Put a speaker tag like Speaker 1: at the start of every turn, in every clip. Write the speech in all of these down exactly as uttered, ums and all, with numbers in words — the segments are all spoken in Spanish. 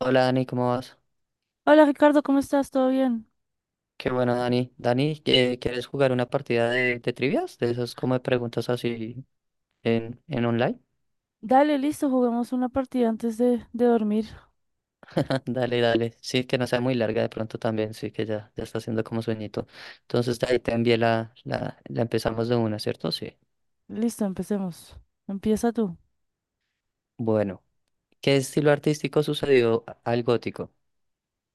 Speaker 1: Hola Dani, ¿cómo vas?
Speaker 2: Hola Ricardo, ¿cómo estás? ¿Todo bien?
Speaker 1: Qué bueno Dani. Dani, ¿qué- ¿quieres jugar una partida de, de trivias? De esas como de preguntas así en, en online.
Speaker 2: Dale, listo, juguemos una partida antes de, de dormir.
Speaker 1: Dale, dale. Sí, que no sea muy larga de pronto también, sí que ya, ya está haciendo como sueñito. Entonces de ahí te envié la, la, la empezamos de una, ¿cierto? Sí.
Speaker 2: Listo, empecemos. Empieza tú.
Speaker 1: Bueno, ¿qué estilo artístico sucedió a- al gótico?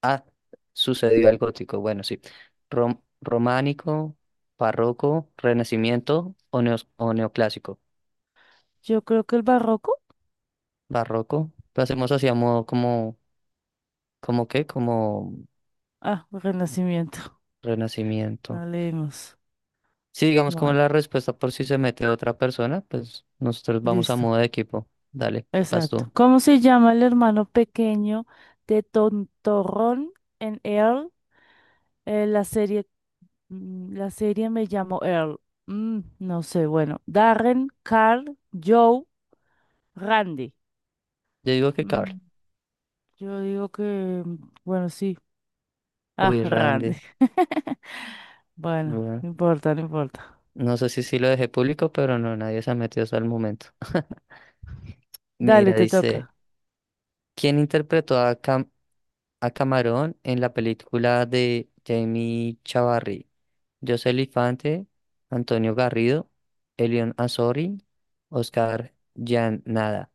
Speaker 1: Ah, sucedió al gótico, bueno, sí. Rom- románico, barroco, renacimiento o, neos- o neoclásico.
Speaker 2: Yo creo que el barroco.
Speaker 1: Barroco. Lo hacemos así a modo como, como qué, como
Speaker 2: Ah, Renacimiento.
Speaker 1: renacimiento.
Speaker 2: No leímos.
Speaker 1: Sí, digamos como
Speaker 2: Bueno,
Speaker 1: la respuesta por si se mete otra persona, pues nosotros vamos a
Speaker 2: listo.
Speaker 1: modo de equipo. Dale, vas
Speaker 2: Exacto.
Speaker 1: tú.
Speaker 2: ¿Cómo se llama el hermano pequeño de Tontorrón en Earl? Eh, la serie, mm, la serie Me llamo Earl. Mm, no sé, bueno. Darren, Carl, Joe, Randy.
Speaker 1: Yo digo que Carl.
Speaker 2: Mm, yo digo que, mm, bueno, sí. Ah,
Speaker 1: Uy,
Speaker 2: Randy.
Speaker 1: Randy.
Speaker 2: Bueno,
Speaker 1: Bueno,
Speaker 2: no importa, no importa.
Speaker 1: no sé si sí lo dejé público, pero no, nadie se ha metido hasta el momento. Mira,
Speaker 2: Dale, te
Speaker 1: dice,
Speaker 2: toca.
Speaker 1: ¿quién interpretó a, Cam- a Camarón en la película de Jamie Chavarri? José Elifante, Antonio Garrido, Elion Azori, Oscar Jan Nada.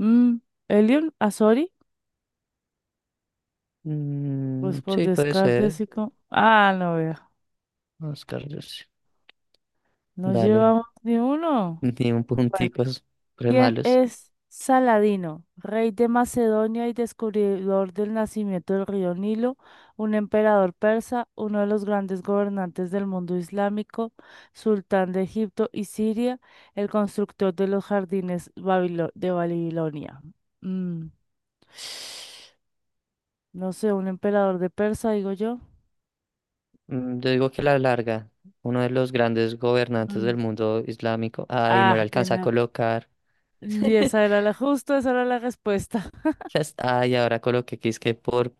Speaker 2: Mm, Elion Azori,
Speaker 1: Mm,
Speaker 2: pues por
Speaker 1: sí, puede
Speaker 2: descarte
Speaker 1: ser.
Speaker 2: así como... Ah, no veo.
Speaker 1: Oscar, José.
Speaker 2: No
Speaker 1: Dale,
Speaker 2: llevamos ni uno.
Speaker 1: ni un
Speaker 2: Bueno,
Speaker 1: punticos re
Speaker 2: ¿quién
Speaker 1: malos.
Speaker 2: es Saladino? Rey de Macedonia y descubridor del nacimiento del río Nilo, un emperador persa, uno de los grandes gobernantes del mundo islámico, sultán de Egipto y Siria, el constructor de los jardines babilo- de Babilonia. Mm, no sé, un emperador de Persa, digo yo.
Speaker 1: Mm, yo digo que la larga, uno de los grandes gobernantes del
Speaker 2: Mm.
Speaker 1: mundo islámico. Ay, no le
Speaker 2: Ah,
Speaker 1: alcanza a
Speaker 2: tenía.
Speaker 1: colocar.
Speaker 2: Y esa era la justo, esa era la respuesta.
Speaker 1: Las- Ay, ahora coloqué que es que por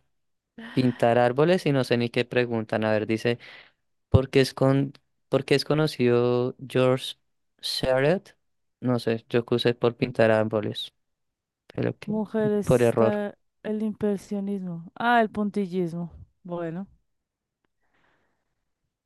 Speaker 1: pintar árboles y no sé ni qué preguntan. A ver, dice. porque es con, porque es conocido George Seurat? No sé, yo puse por pintar árboles, pero que
Speaker 2: Mujer
Speaker 1: por error.
Speaker 2: está el impresionismo. Ah, el puntillismo. Bueno,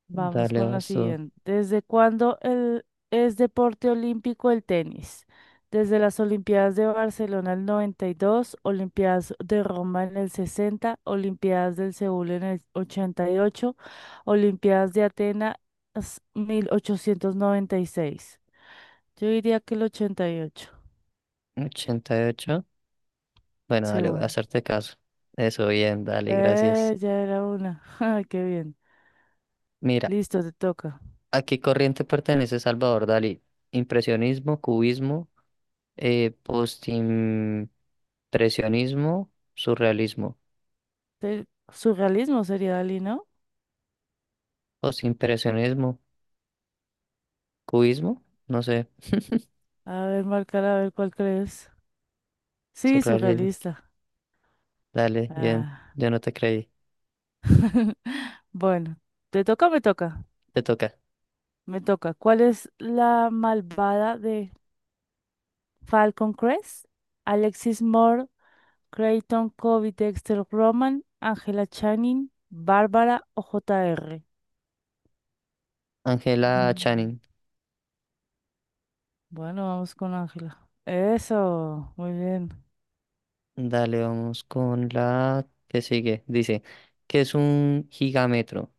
Speaker 2: vamos
Speaker 1: Dale,
Speaker 2: con la
Speaker 1: vas tú.
Speaker 2: siguiente. ¿Desde cuándo el, ¿es deporte olímpico el tenis? Desde las Olimpiadas de Barcelona el noventa y dos, Olimpiadas de Roma en el sesenta, Olimpiadas del Seúl en el ochenta y ocho. Olimpiadas de Atenas mil ochocientos noventa y seis. Yo diría que el ochenta y ocho.
Speaker 1: Ochenta y ocho. Bueno, dale, voy a
Speaker 2: Seúl.
Speaker 1: hacerte caso. Eso, bien, dale, gracias.
Speaker 2: Eh, ya era una. Ay, qué bien.
Speaker 1: Mira,
Speaker 2: Listo, te toca.
Speaker 1: ¿a qué corriente pertenece Salvador Dalí? Impresionismo, cubismo, eh, postim- surrealismo.
Speaker 2: Te- Surrealismo sería Dalí, ¿no?
Speaker 1: O impresionismo, cubismo, no sé,
Speaker 2: A ver, marcar, a ver cuál crees. Sí,
Speaker 1: surrealismo.
Speaker 2: surrealista.
Speaker 1: Dale, bien,
Speaker 2: Ah.
Speaker 1: yo no te creí.
Speaker 2: Bueno, ¿te toca o me toca?
Speaker 1: Te toca.
Speaker 2: Me toca. ¿Cuál es la malvada de Falcon Crest? Alexis Creighton, Kobe, Dexter Roman, Angela Channing, Bárbara o J R.
Speaker 1: Angela
Speaker 2: Mm,
Speaker 1: Channing.
Speaker 2: bueno, vamos con Ángela. Eso, muy bien.
Speaker 1: Dale, vamos con la que sigue. Dice, ¿qué es un gigametro?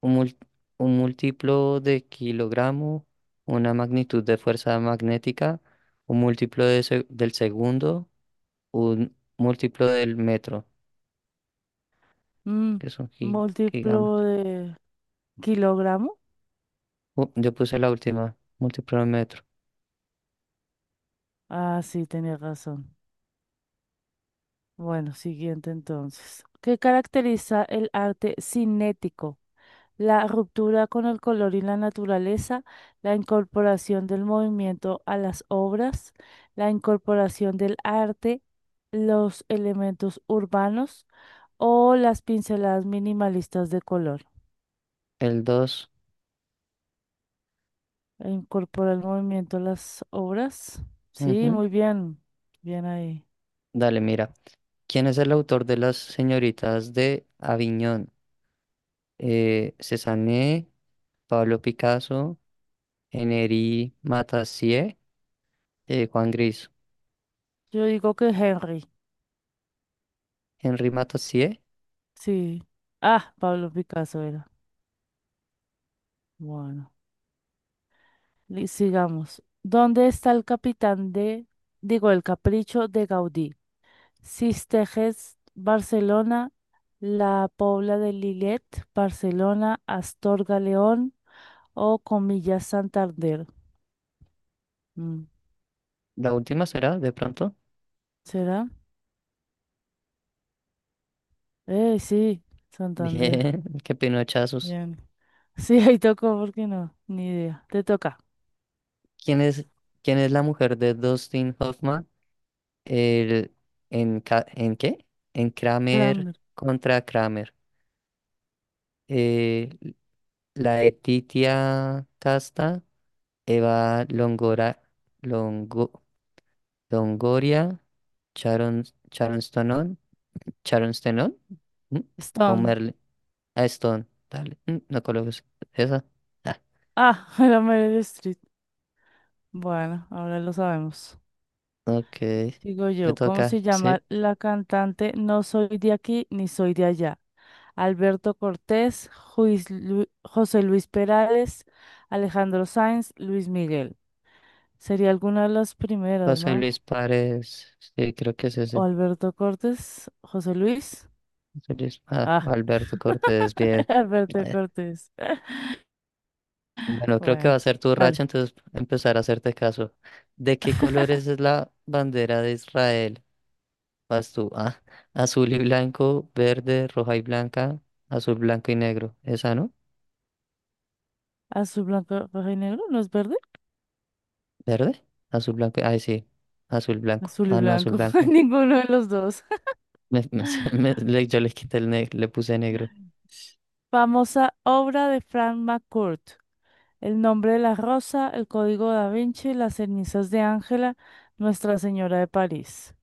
Speaker 1: Un, mul- un múltiplo de kilogramo, una magnitud de fuerza magnética, un múltiplo de se- del segundo, un múltiplo del metro,
Speaker 2: Mm,
Speaker 1: que es un gi-
Speaker 2: múltiplo
Speaker 1: gigámetro.
Speaker 2: de kilogramo.
Speaker 1: Uh, yo puse la última, múltiplo del metro.
Speaker 2: Ah, sí, tenía razón. Bueno, siguiente entonces. ¿Qué caracteriza el arte cinético? La ruptura con el color y la naturaleza, la incorporación del movimiento a las obras, la incorporación del arte los elementos urbanos o las pinceladas minimalistas de color.
Speaker 1: El dos.
Speaker 2: E incorpora el movimiento a las obras. Sí, muy bien. Bien ahí.
Speaker 1: Dale, mira. ¿Quién es el autor de Las señoritas de Aviñón? Eh, Cézanne. Pablo Picasso, Henri Mathieu, eh, Juan Gris.
Speaker 2: Yo digo que Henry.
Speaker 1: Henri Mathieu,
Speaker 2: Sí. Ah, Pablo Picasso era. Bueno, li- sigamos. ¿Dónde está el capitán de, digo, el capricho de Gaudí? Sistejes, Barcelona, La Pobla de Lillet, Barcelona, Astorga, León o Comillas, Santander. Mm.
Speaker 1: la última será, de pronto.
Speaker 2: ¿Será? Eh, sí, Santander.
Speaker 1: Bien, qué pinochazos.
Speaker 2: Bien. Sí, ahí tocó, ¿por qué no? Ni idea. Te toca.
Speaker 1: ¿Quién es, quién es la mujer de Dustin Hoffman? El, en, ca- ¿en qué? En Kramer
Speaker 2: Kramer.
Speaker 1: contra Kramer. Eh, la Letitia Casta, Eva Longora, Longo- Longoria, Sharon, Sharon Stonon, Sharon Stenon, ¿Mm?
Speaker 2: Stone.
Speaker 1: Homer Ah, Stone. Dale. Mm, No coloques esa. Ah,
Speaker 2: Ah, era Meryl Streep. Bueno, ahora lo sabemos.
Speaker 1: ok.
Speaker 2: Sigo
Speaker 1: Te
Speaker 2: yo. ¿Cómo
Speaker 1: toca.
Speaker 2: se
Speaker 1: Sí.
Speaker 2: llama la cantante No soy de aquí ni soy de allá? Alberto Cortés, Juis Lu- José Luis Perales, Alejandro Sanz, Luis Miguel. Sería alguna de las primeras,
Speaker 1: José Luis
Speaker 2: ¿no?
Speaker 1: Párez. Sí, creo que es
Speaker 2: O
Speaker 1: ese.
Speaker 2: Alberto Cortés, José Luis.
Speaker 1: José Luis. Ah,
Speaker 2: Ah,
Speaker 1: Alberto Cortés. Bien.
Speaker 2: Alberto
Speaker 1: Eh,
Speaker 2: Cortés.
Speaker 1: Bueno, creo que va a
Speaker 2: Bueno,
Speaker 1: ser tu
Speaker 2: vale.
Speaker 1: racha, entonces empezar a hacerte caso. ¿De qué colores es la bandera de Israel? Vas tú. Ah, azul y blanco, verde, roja y blanca, azul, blanco y negro. ¿Esa no?
Speaker 2: Azul, blanco, rojo y negro, ¿no es verde?
Speaker 1: ¿Verde? Azul, blanco. Ay, sí. Azul, blanco.
Speaker 2: Azul y
Speaker 1: Ah, no, azul,
Speaker 2: blanco,
Speaker 1: blanco.
Speaker 2: ninguno de los dos.
Speaker 1: Me- me- me- le- yo le quité el negro, le puse negro.
Speaker 2: Famosa obra de Frank McCourt. El nombre de la rosa, el código da Vinci, las cenizas de Ángela, Nuestra Señora de París.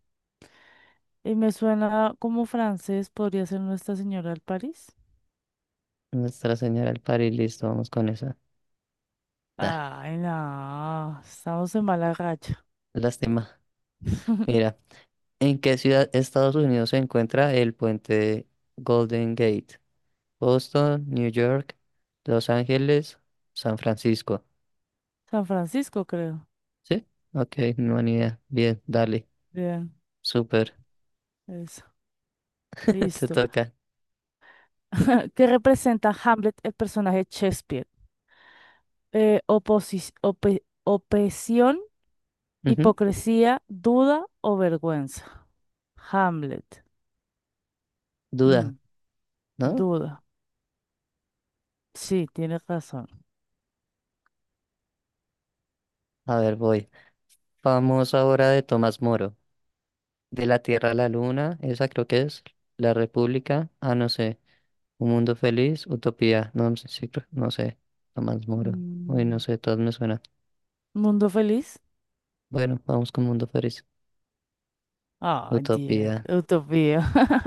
Speaker 2: Y me suena como francés, podría ser Nuestra Señora de París.
Speaker 1: Nuestra Señora del Par y listo, vamos con esa. Da,
Speaker 2: Ay, no, estamos en mala racha.
Speaker 1: lástima. Mira, ¿en qué ciudad de Estados Unidos se encuentra el puente Golden Gate? Boston, New York, Los Ángeles, San Francisco.
Speaker 2: San Francisco, creo.
Speaker 1: ¿Sí? Ok, no, ni idea. Bien, dale.
Speaker 2: Bien,
Speaker 1: Súper.
Speaker 2: eso.
Speaker 1: Te
Speaker 2: Listo.
Speaker 1: toca.
Speaker 2: ¿Qué representa Hamlet, el personaje de Shakespeare? Eh, oposis- ope- opresión,
Speaker 1: Ujú.
Speaker 2: hipocresía, duda o vergüenza. Hamlet.
Speaker 1: Duda,
Speaker 2: Mm,
Speaker 1: ¿no?
Speaker 2: duda. Sí, tienes razón.
Speaker 1: A ver, voy. Famosa obra de Tomás Moro. De la Tierra a la Luna, esa creo que es. La República. Ah, no sé. Un mundo feliz, utopía, no no sé, sí, creo- no sé, Tomás Moro. Uy, no
Speaker 2: Mm,
Speaker 1: sé, todas me suenan.
Speaker 2: mundo feliz.
Speaker 1: Bueno, vamos con mundo feliz,
Speaker 2: Ay, Dios.
Speaker 1: utopía.
Speaker 2: Utopía.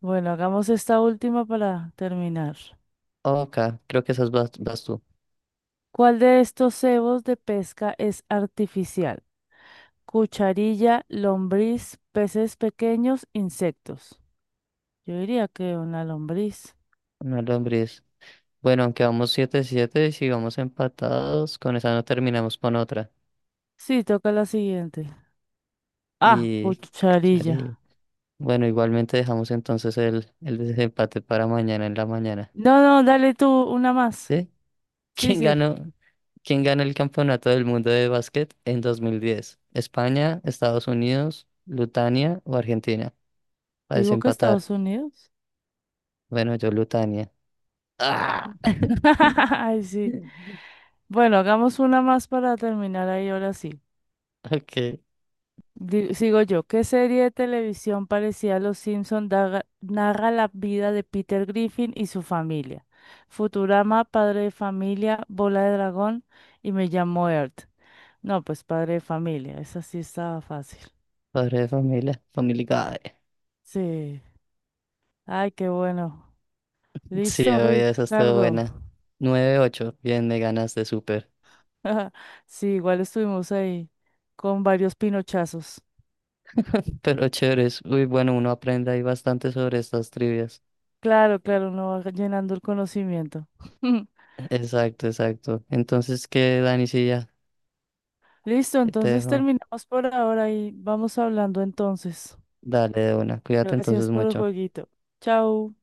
Speaker 2: Bueno, hagamos esta última para terminar.
Speaker 1: Ok, creo que esas vas, vas tú.
Speaker 2: ¿Cuál de estos cebos de pesca es artificial? Cucharilla, lombriz, peces pequeños, insectos. Yo diría que una lombriz.
Speaker 1: Una lombriz. Bueno, aunque vamos siete siete y sigamos empatados, con esa no terminamos con otra.
Speaker 2: Sí, toca la siguiente. Ah,
Speaker 1: Y,
Speaker 2: cucharilla.
Speaker 1: chari. Bueno, igualmente dejamos entonces el, el desempate para mañana en la mañana.
Speaker 2: No, no, dale tú una más.
Speaker 1: ¿Sí?
Speaker 2: Sí,
Speaker 1: ¿Quién
Speaker 2: sí.
Speaker 1: ganó? ¿Quién gana el campeonato del mundo de básquet en dos mil diez? ¿España, Estados Unidos, Lutania o Argentina? Para
Speaker 2: Digo que
Speaker 1: desempatar.
Speaker 2: Estados Unidos.
Speaker 1: Bueno, yo Lutania. ¡Ah!
Speaker 2: Ay, sí. Bueno, hagamos una más para terminar ahí ahora sí.
Speaker 1: Ok,
Speaker 2: Di- sigo yo. ¿Qué serie de televisión parecida a Los Simpson daga- narra la vida de Peter Griffin y su familia? Futurama, Padre de Familia, Bola de Dragón y Me llamo Earth. No, pues Padre de Familia. Esa sí estaba fácil.
Speaker 1: Padre de Familia, Family Guy.
Speaker 2: Sí. Ay, qué bueno.
Speaker 1: Sí,
Speaker 2: Listo,
Speaker 1: oye, esa estuvo
Speaker 2: Ricardo.
Speaker 1: buena. Nueve ocho, bien, me ganaste súper.
Speaker 2: Sí, igual estuvimos ahí con varios pinochazos.
Speaker 1: Pero chéveres, uy, bueno, uno aprende ahí bastante sobre estas trivias.
Speaker 2: Claro, claro, uno va llenando el conocimiento.
Speaker 1: Exacto, exacto. Entonces, ¿qué, Dani? Sí, ya
Speaker 2: Listo,
Speaker 1: te
Speaker 2: entonces
Speaker 1: dejo.
Speaker 2: terminamos por ahora y vamos hablando entonces.
Speaker 1: Dale de una, cuídate
Speaker 2: Gracias
Speaker 1: entonces
Speaker 2: por el
Speaker 1: mucho.
Speaker 2: jueguito. Chao.